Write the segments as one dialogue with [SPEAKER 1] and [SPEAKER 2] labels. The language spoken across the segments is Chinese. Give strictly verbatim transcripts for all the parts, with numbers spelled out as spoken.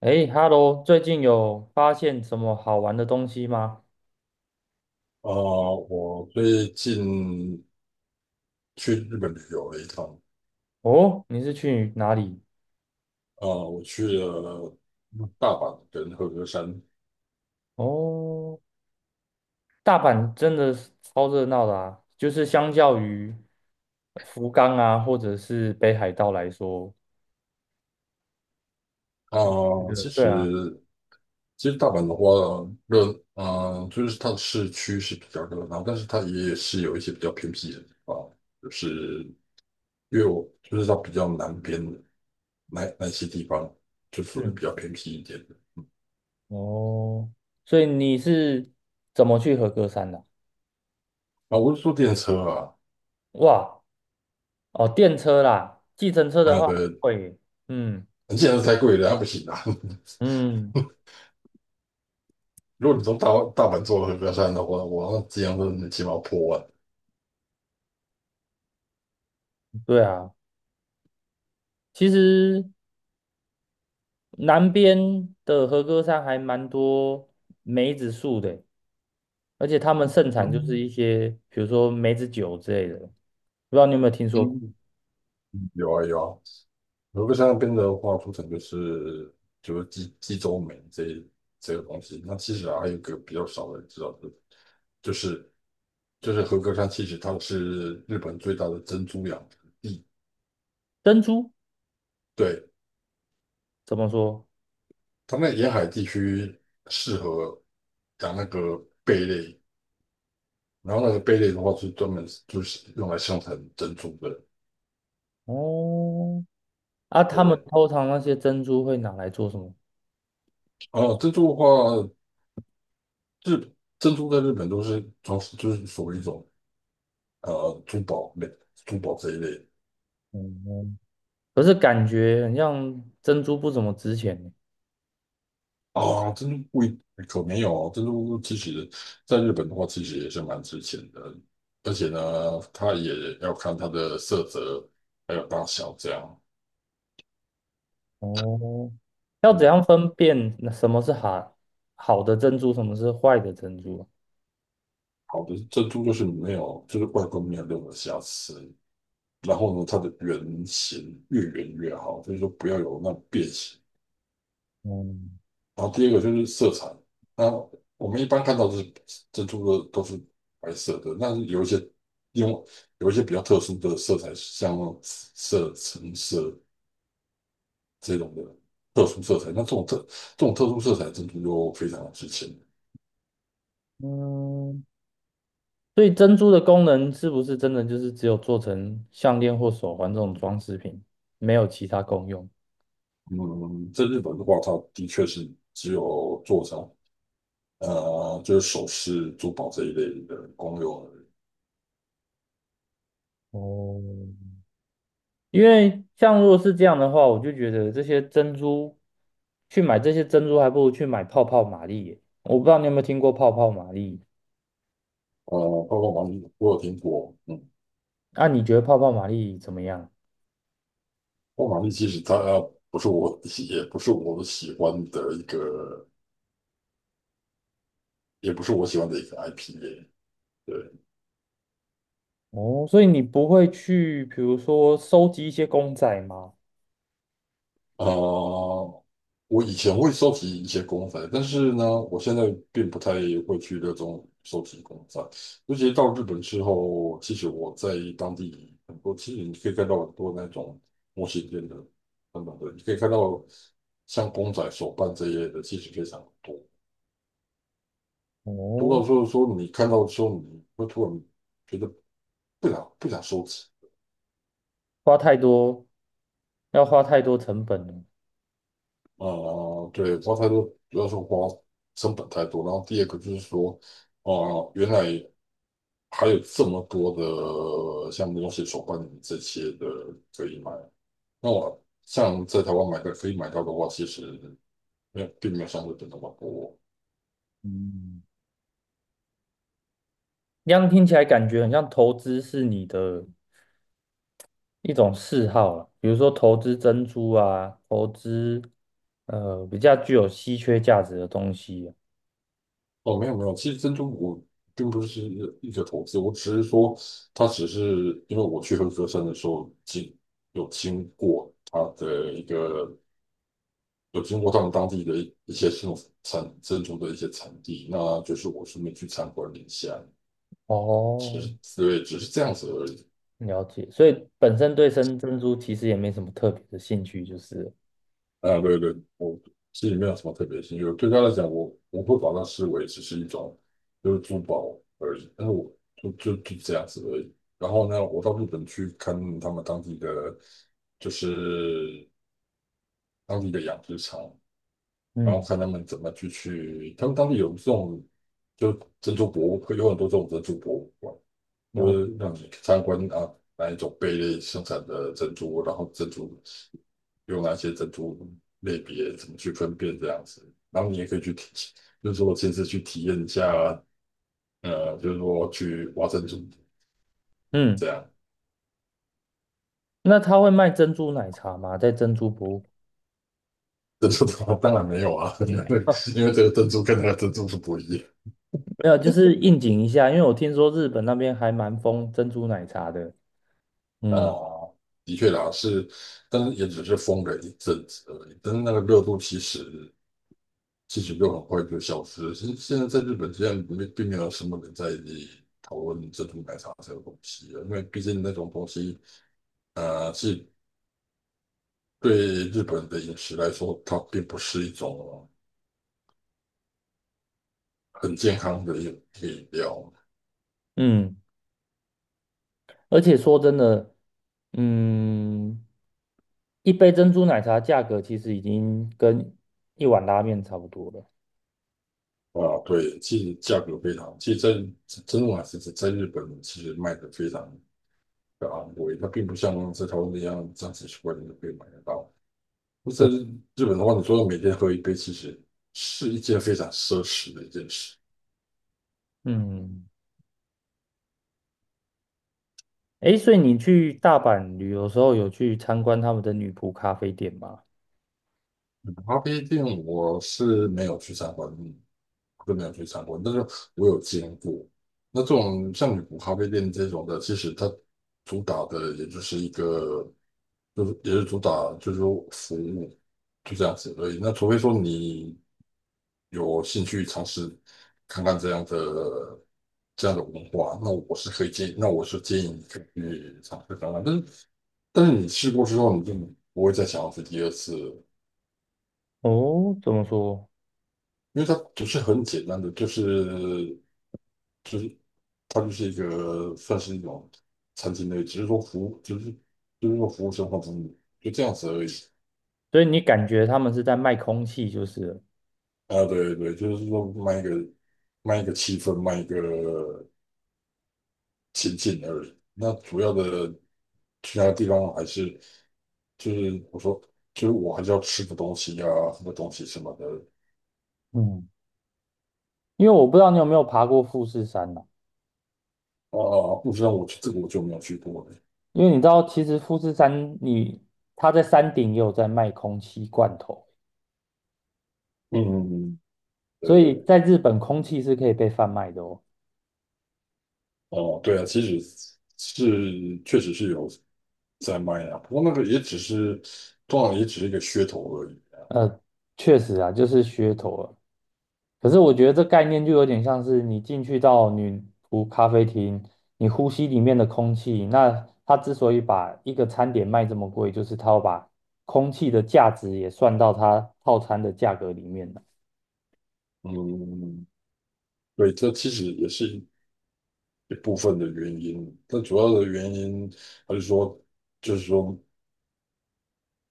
[SPEAKER 1] 诶，Hello，最近有发现什么好玩的东西吗？
[SPEAKER 2] 呃，我最近去日本旅游了一趟。
[SPEAKER 1] 哦，你是去哪里？
[SPEAKER 2] 呃，我去了大阪跟和歌山。
[SPEAKER 1] 哦，大阪真的是超热闹的啊，就是相较于福冈啊，或者是北海道来说，
[SPEAKER 2] 啊，
[SPEAKER 1] 觉得
[SPEAKER 2] 其
[SPEAKER 1] 对啊。
[SPEAKER 2] 实其实大阪的话，热，呃，就是它的市区是比较热闹，但是它也是有一些比较偏僻的地方，就是因为我就是它比较南边的，那那些地方，就属于比
[SPEAKER 1] 嗯，
[SPEAKER 2] 较偏僻一点的。
[SPEAKER 1] 哦，所以你是怎么去和歌山的？
[SPEAKER 2] 啊，我是坐电车啊，
[SPEAKER 1] 哇，哦，电车啦，计程车的
[SPEAKER 2] 那
[SPEAKER 1] 话
[SPEAKER 2] 个
[SPEAKER 1] 会，嗯
[SPEAKER 2] 电车然是太贵了，那不行啊。
[SPEAKER 1] 嗯，
[SPEAKER 2] 如果你从大大阪坐和歌山的话，我那机票真起码要破万。
[SPEAKER 1] 对啊，其实。南边的和歌山还蛮多梅子树的，而且他们盛产就是
[SPEAKER 2] 嗯
[SPEAKER 1] 一些，比如说梅子酒之类的，不知道你有没有听说过？
[SPEAKER 2] 嗯，有啊有啊，和歌山那边的话，出产就是就是济济州煤这这个东西。那其实啊还有一个比较少的人知道的，就是就是和歌山，其实它是日本最大的珍珠养殖地。
[SPEAKER 1] 珍珠
[SPEAKER 2] 对，
[SPEAKER 1] 怎么说？
[SPEAKER 2] 它那沿海地区适合养那个贝类，然后那个贝类的话是专门就是用来生产珍珠的。
[SPEAKER 1] 哦，啊，
[SPEAKER 2] 对
[SPEAKER 1] 他
[SPEAKER 2] 不
[SPEAKER 1] 们
[SPEAKER 2] 对？
[SPEAKER 1] 通常那些珍珠会拿来做什么？
[SPEAKER 2] 哦，珍珠的话，日珍珠在日本都是传，就是属于一种呃珠宝类、珠宝这一类
[SPEAKER 1] 嗯，可是感觉很像珍珠不怎么值钱呢。
[SPEAKER 2] 啊。珍珠贵可没有哦，珍珠其实在日本的话，其实也是蛮值钱的，而且呢，它也要看它的色泽还有大小这样。
[SPEAKER 1] 哦，要怎
[SPEAKER 2] 嗯，
[SPEAKER 1] 样分辨那什么是好好的珍珠，什么是坏的珍珠啊？
[SPEAKER 2] 好的珍珠就是没有，就是外观没有任何瑕疵，然后呢，它的圆形越圆越好，所以说不要有那种变形。
[SPEAKER 1] 嗯
[SPEAKER 2] 然后第二个就是色彩，那我们一般看到的是珍珠的都是白色的，但是有一些用有一些比较特殊的色彩，像色橙色这种的特殊色彩，那这种特这种特殊色彩珍珠就非常的值钱。
[SPEAKER 1] 嗯，所以珍珠的功能是不是真的就是只有做成项链或手环这种装饰品，没有其他功用？
[SPEAKER 2] 嗯，在日本的话，它的确是只有做成呃就是首饰、珠宝这一类的公有而已。
[SPEAKER 1] 哦，因为像如果是这样的话，我就觉得这些珍珠去买这些珍珠，还不如去买泡泡玛丽耶。我不知道你有没有听过泡泡玛丽？
[SPEAKER 2] 呃，包括王，我有听过，嗯。
[SPEAKER 1] 那你觉得泡泡玛丽怎么样？
[SPEAKER 2] 我马丽其实它呃不是我，也不是我喜欢的一个，也不是我喜欢的一个 I P。 对。
[SPEAKER 1] 哦，所以你不会去，比如说收集一些公仔吗？
[SPEAKER 2] 啊、呃我以前会收集一些公仔，但是呢，我现在并不太会去热衷收集公仔。尤其到日本之后，其实我在当地很多，其实你可以看到很多那种模型店的等等的，你可以看到像公仔、手办这一类的，其实非常多。读
[SPEAKER 1] 哦，
[SPEAKER 2] 到说说你看到的时候，你会突然觉得不想不想收集。
[SPEAKER 1] 花太多，要花太多成本了。
[SPEAKER 2] 啊、呃对，花太多主要是花成本太多，然后第二个就是说啊、呃原来还有这么多的像东西手办这些的可以买，那我像在台湾买的可以买到的话，其实没有并没有相对的那么多。
[SPEAKER 1] 嗯。这样听起来感觉很像投资是你的一种嗜好了，比如说投资珍珠啊，投资呃比较具有稀缺价值的东西啊。
[SPEAKER 2] 哦，没有没有，其实珍珠我并不是一个投资，我只是说它只是因为我去合歌山的时候经有经过它的一个有经过他们当地的一一些这种产珍珠的一些产地，那就是我顺便去参观了一下，只
[SPEAKER 1] 哦，
[SPEAKER 2] 是对，只是这样子而已。
[SPEAKER 1] 了解。所以本身对生珍珠其实也没什么特别的兴趣，就是了。
[SPEAKER 2] 啊，对对，我心里面有什么特别兴趣。我对他来讲，我我会把它视为只是一种就是珠宝而已，但是我就就就这样子而已。然后呢，我到日本去看他们当地的就是当地的养殖场，然后
[SPEAKER 1] 嗯，
[SPEAKER 2] 看他们怎么去去，他们当地有这种就珍珠博物馆，有很多这种珍珠博物馆，就
[SPEAKER 1] 了解。
[SPEAKER 2] 是让你参观啊哪一种贝类生产的珍珠，然后珍珠用哪些珍珠类别怎么去分辨这样子。然后你也可以去体，就是说亲自去体验一下，呃，就是说去挖珍珠
[SPEAKER 1] 嗯，
[SPEAKER 2] 这样。
[SPEAKER 1] 那他会卖珍珠奶茶吗？在珍珠博物
[SPEAKER 2] 珍珠的话当然没有啊，因为
[SPEAKER 1] 馆？啊
[SPEAKER 2] 因为这个珍珠跟那个珍珠是不一样
[SPEAKER 1] 没有，就是应景一下，因为我听说日本那边还蛮疯珍珠奶茶的。
[SPEAKER 2] 啊。
[SPEAKER 1] 嗯
[SPEAKER 2] 的确啦，是，但是也只是封了一阵子而已。但是那个热度其实其实就很快就消失了。现现在在日本，现在没并没有什么人在讨论珍珠奶茶这个东西了，因为毕竟那种东西，呃，是对日本的饮食来说，它并不是一种很健康的饮饮料
[SPEAKER 1] 嗯，而且说真的，嗯。一杯珍珠奶茶价格其实已经跟一碗拉面差不多了。
[SPEAKER 2] 啊。对，其实价格非常，其实在真珠奶其实在日本其实卖的非常的昂贵，它并不像在台湾那样三十几块钱就可以买得到。那在
[SPEAKER 1] 对，
[SPEAKER 2] 日本的话，你说每天喝一杯，其实是一件非常奢侈的一件事。
[SPEAKER 1] 嗯，诶，所以你去大阪旅游的时候有去参观他们的女仆咖啡店吗？
[SPEAKER 2] 咖啡店我是没有去参观，都没有去参观，但是我有经过。那这种像女仆咖啡店这种的，其实它主打的也就是一个，就是也是主打就是说服务，就这样子而已。那除非说你有兴趣尝试看看这样的这样的文化，那我是可以建议，那我是建议你可以去尝试看看。但是但是你试过之后，你就不会再想要去第二次。
[SPEAKER 1] 哦，怎么说？
[SPEAKER 2] 因为它不是很简单的，就是就是它就是一个算是一种餐厅类，只是说服务就是就是说服务生活服务就这样子而已。
[SPEAKER 1] 所以你感觉他们是在卖空气就是了。
[SPEAKER 2] 啊，对对，就是说卖一个卖一个气氛，卖一个情境而已。那主要的其他地方还是就是我说就是我还是要吃个东西呀、喝个东西什么的。
[SPEAKER 1] 嗯，因为我不知道你有没有爬过富士山呐、
[SPEAKER 2] 啊，啊不知道，我这个我就没有去过了。
[SPEAKER 1] 因为你知道，其实富士山你它在山顶也有在卖空气罐头，
[SPEAKER 2] 嗯，对
[SPEAKER 1] 所以
[SPEAKER 2] 对。
[SPEAKER 1] 在日本空气是可以被贩卖的哦。
[SPEAKER 2] 哦，对啊，其实是确实是有在卖啊，不过那个也只是，通常也只是一个噱头而已啊。
[SPEAKER 1] 呃，确实啊，就是噱头啊。可是我觉得这概念就有点像是你进去到女仆咖啡厅，你呼吸里面的空气。那它之所以把一个餐点卖这么贵，就是它要把空气的价值也算到它套餐的价格里面了。
[SPEAKER 2] 嗯，对，这其实也是一一部分的原因，但主要的原因还是说，就是说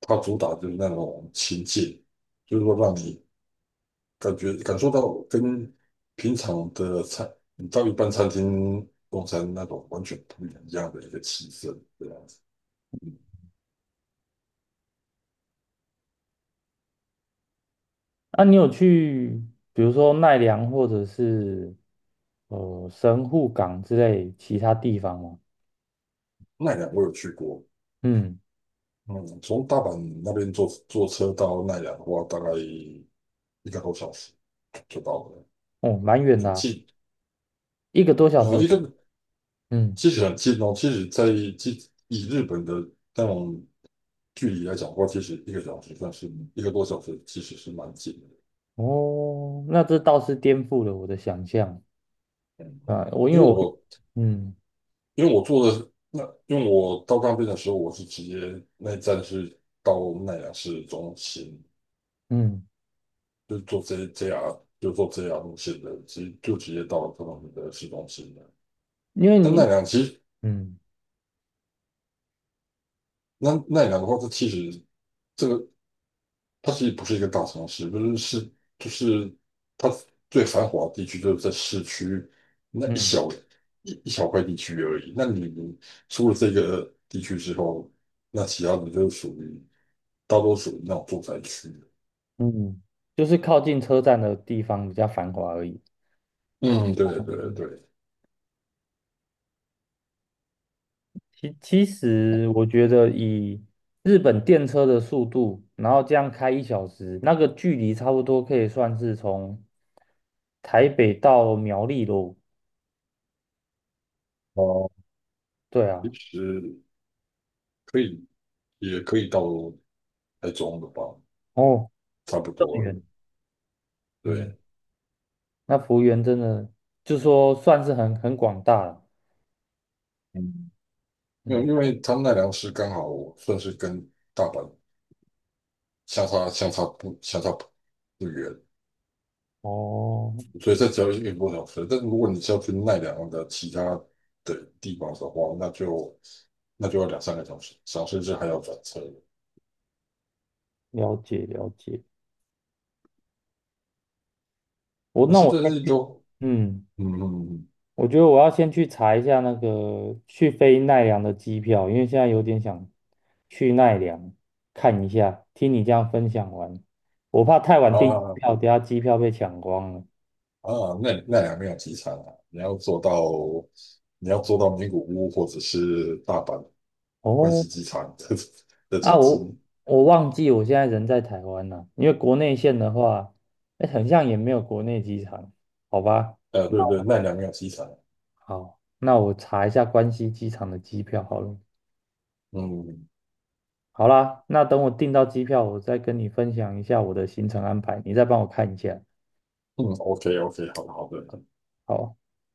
[SPEAKER 2] 它主打就是那种亲近，就是说让你感觉感受到跟平常的餐，你到一般餐厅用餐那种完全不一样的一个气氛，这样子。
[SPEAKER 1] 那你有去，比如说奈良或者是呃神户港之类其他地方吗？
[SPEAKER 2] 奈良我有去过。
[SPEAKER 1] 嗯，
[SPEAKER 2] 嗯，从大阪那边坐坐车到奈良的话，大概一个多小时就到了，
[SPEAKER 1] 哦，蛮远
[SPEAKER 2] 很
[SPEAKER 1] 的啊。
[SPEAKER 2] 近。
[SPEAKER 1] 一个多小
[SPEAKER 2] 呃，
[SPEAKER 1] 时。
[SPEAKER 2] 一个
[SPEAKER 1] 嗯，
[SPEAKER 2] 其实很近哦，其实在这以日本的那种距离来讲的话，其实一个小时算是一个多小时，其实是蛮近的。
[SPEAKER 1] 哦，那这倒是颠覆了我的想象。
[SPEAKER 2] 嗯，
[SPEAKER 1] 啊，我因
[SPEAKER 2] 因
[SPEAKER 1] 为
[SPEAKER 2] 为
[SPEAKER 1] 我
[SPEAKER 2] 我
[SPEAKER 1] 嗯
[SPEAKER 2] 因为我坐的那，因为我到那边的时候，我是直接那一站是到奈良市中心，
[SPEAKER 1] 嗯。
[SPEAKER 2] 就是做这这 r 就做这 r 路线的，其实就直接到了他们的市中心了。
[SPEAKER 1] 因为
[SPEAKER 2] 但
[SPEAKER 1] 你
[SPEAKER 2] 奈良其实
[SPEAKER 1] 嗯
[SPEAKER 2] 那奈良的话，它其实这个它其实不是一个大城市，不是是就是它最繁华的地区就是在市区那一
[SPEAKER 1] 嗯
[SPEAKER 2] 小一一小块地区而已。那你出了这个地区之后，那其他的就属于大多属于那种住宅区。
[SPEAKER 1] 嗯就是靠近车站的地方比较繁华而已。
[SPEAKER 2] 嗯，对对
[SPEAKER 1] 嗯，
[SPEAKER 2] 对。
[SPEAKER 1] 其其实我觉得以日本电车的速度，然后这样开一小时，那个距离差不多可以算是从台北到苗栗喽。
[SPEAKER 2] 哦，
[SPEAKER 1] 对啊，
[SPEAKER 2] 其实可以，也可以到台中的吧，
[SPEAKER 1] 哦，
[SPEAKER 2] 差不
[SPEAKER 1] 这么
[SPEAKER 2] 多了。
[SPEAKER 1] 远。嗯，
[SPEAKER 2] 对，
[SPEAKER 1] 那幅员真的就说算是很很广大了。
[SPEAKER 2] 嗯，因为因
[SPEAKER 1] 嗯，
[SPEAKER 2] 为他奈良市刚好算是跟大阪相差相差不相差不不远，
[SPEAKER 1] 哦，
[SPEAKER 2] 所以这只要一个多小时。但是如果你是要去奈良的其他的地方的话，那就那就要两三个小时，小时至还要转车。
[SPEAKER 1] 了解了解。我
[SPEAKER 2] 可
[SPEAKER 1] 那
[SPEAKER 2] 是
[SPEAKER 1] 我
[SPEAKER 2] 这
[SPEAKER 1] 先
[SPEAKER 2] 些
[SPEAKER 1] 去。
[SPEAKER 2] 都，
[SPEAKER 1] 嗯。
[SPEAKER 2] 嗯嗯嗯
[SPEAKER 1] 我觉得我要先去查一下那个去飞奈良的机票，因为现在有点想去奈良看一下。听你这样分享完，我怕太晚订机
[SPEAKER 2] 嗯
[SPEAKER 1] 票，等下机票被抢光了。
[SPEAKER 2] 啊啊，奈奈良没有机场啊，你要坐到你要坐到名古屋或者是大阪关
[SPEAKER 1] 哦，
[SPEAKER 2] 西机场的 的
[SPEAKER 1] 啊，
[SPEAKER 2] 转
[SPEAKER 1] 我
[SPEAKER 2] 机。
[SPEAKER 1] 我忘记我现在人在台湾了，因为国内线的话，哎，很像也没有国内机场，好吧？
[SPEAKER 2] 呃，对对，奈良也有机场。
[SPEAKER 1] 好，那我查一下关西机场的机票好了。
[SPEAKER 2] 嗯
[SPEAKER 1] 好啦，那等我订到机票，我再跟你分享一下我的行程安排，你再帮我看一下。
[SPEAKER 2] 嗯，OK OK,好的好的，
[SPEAKER 1] 好。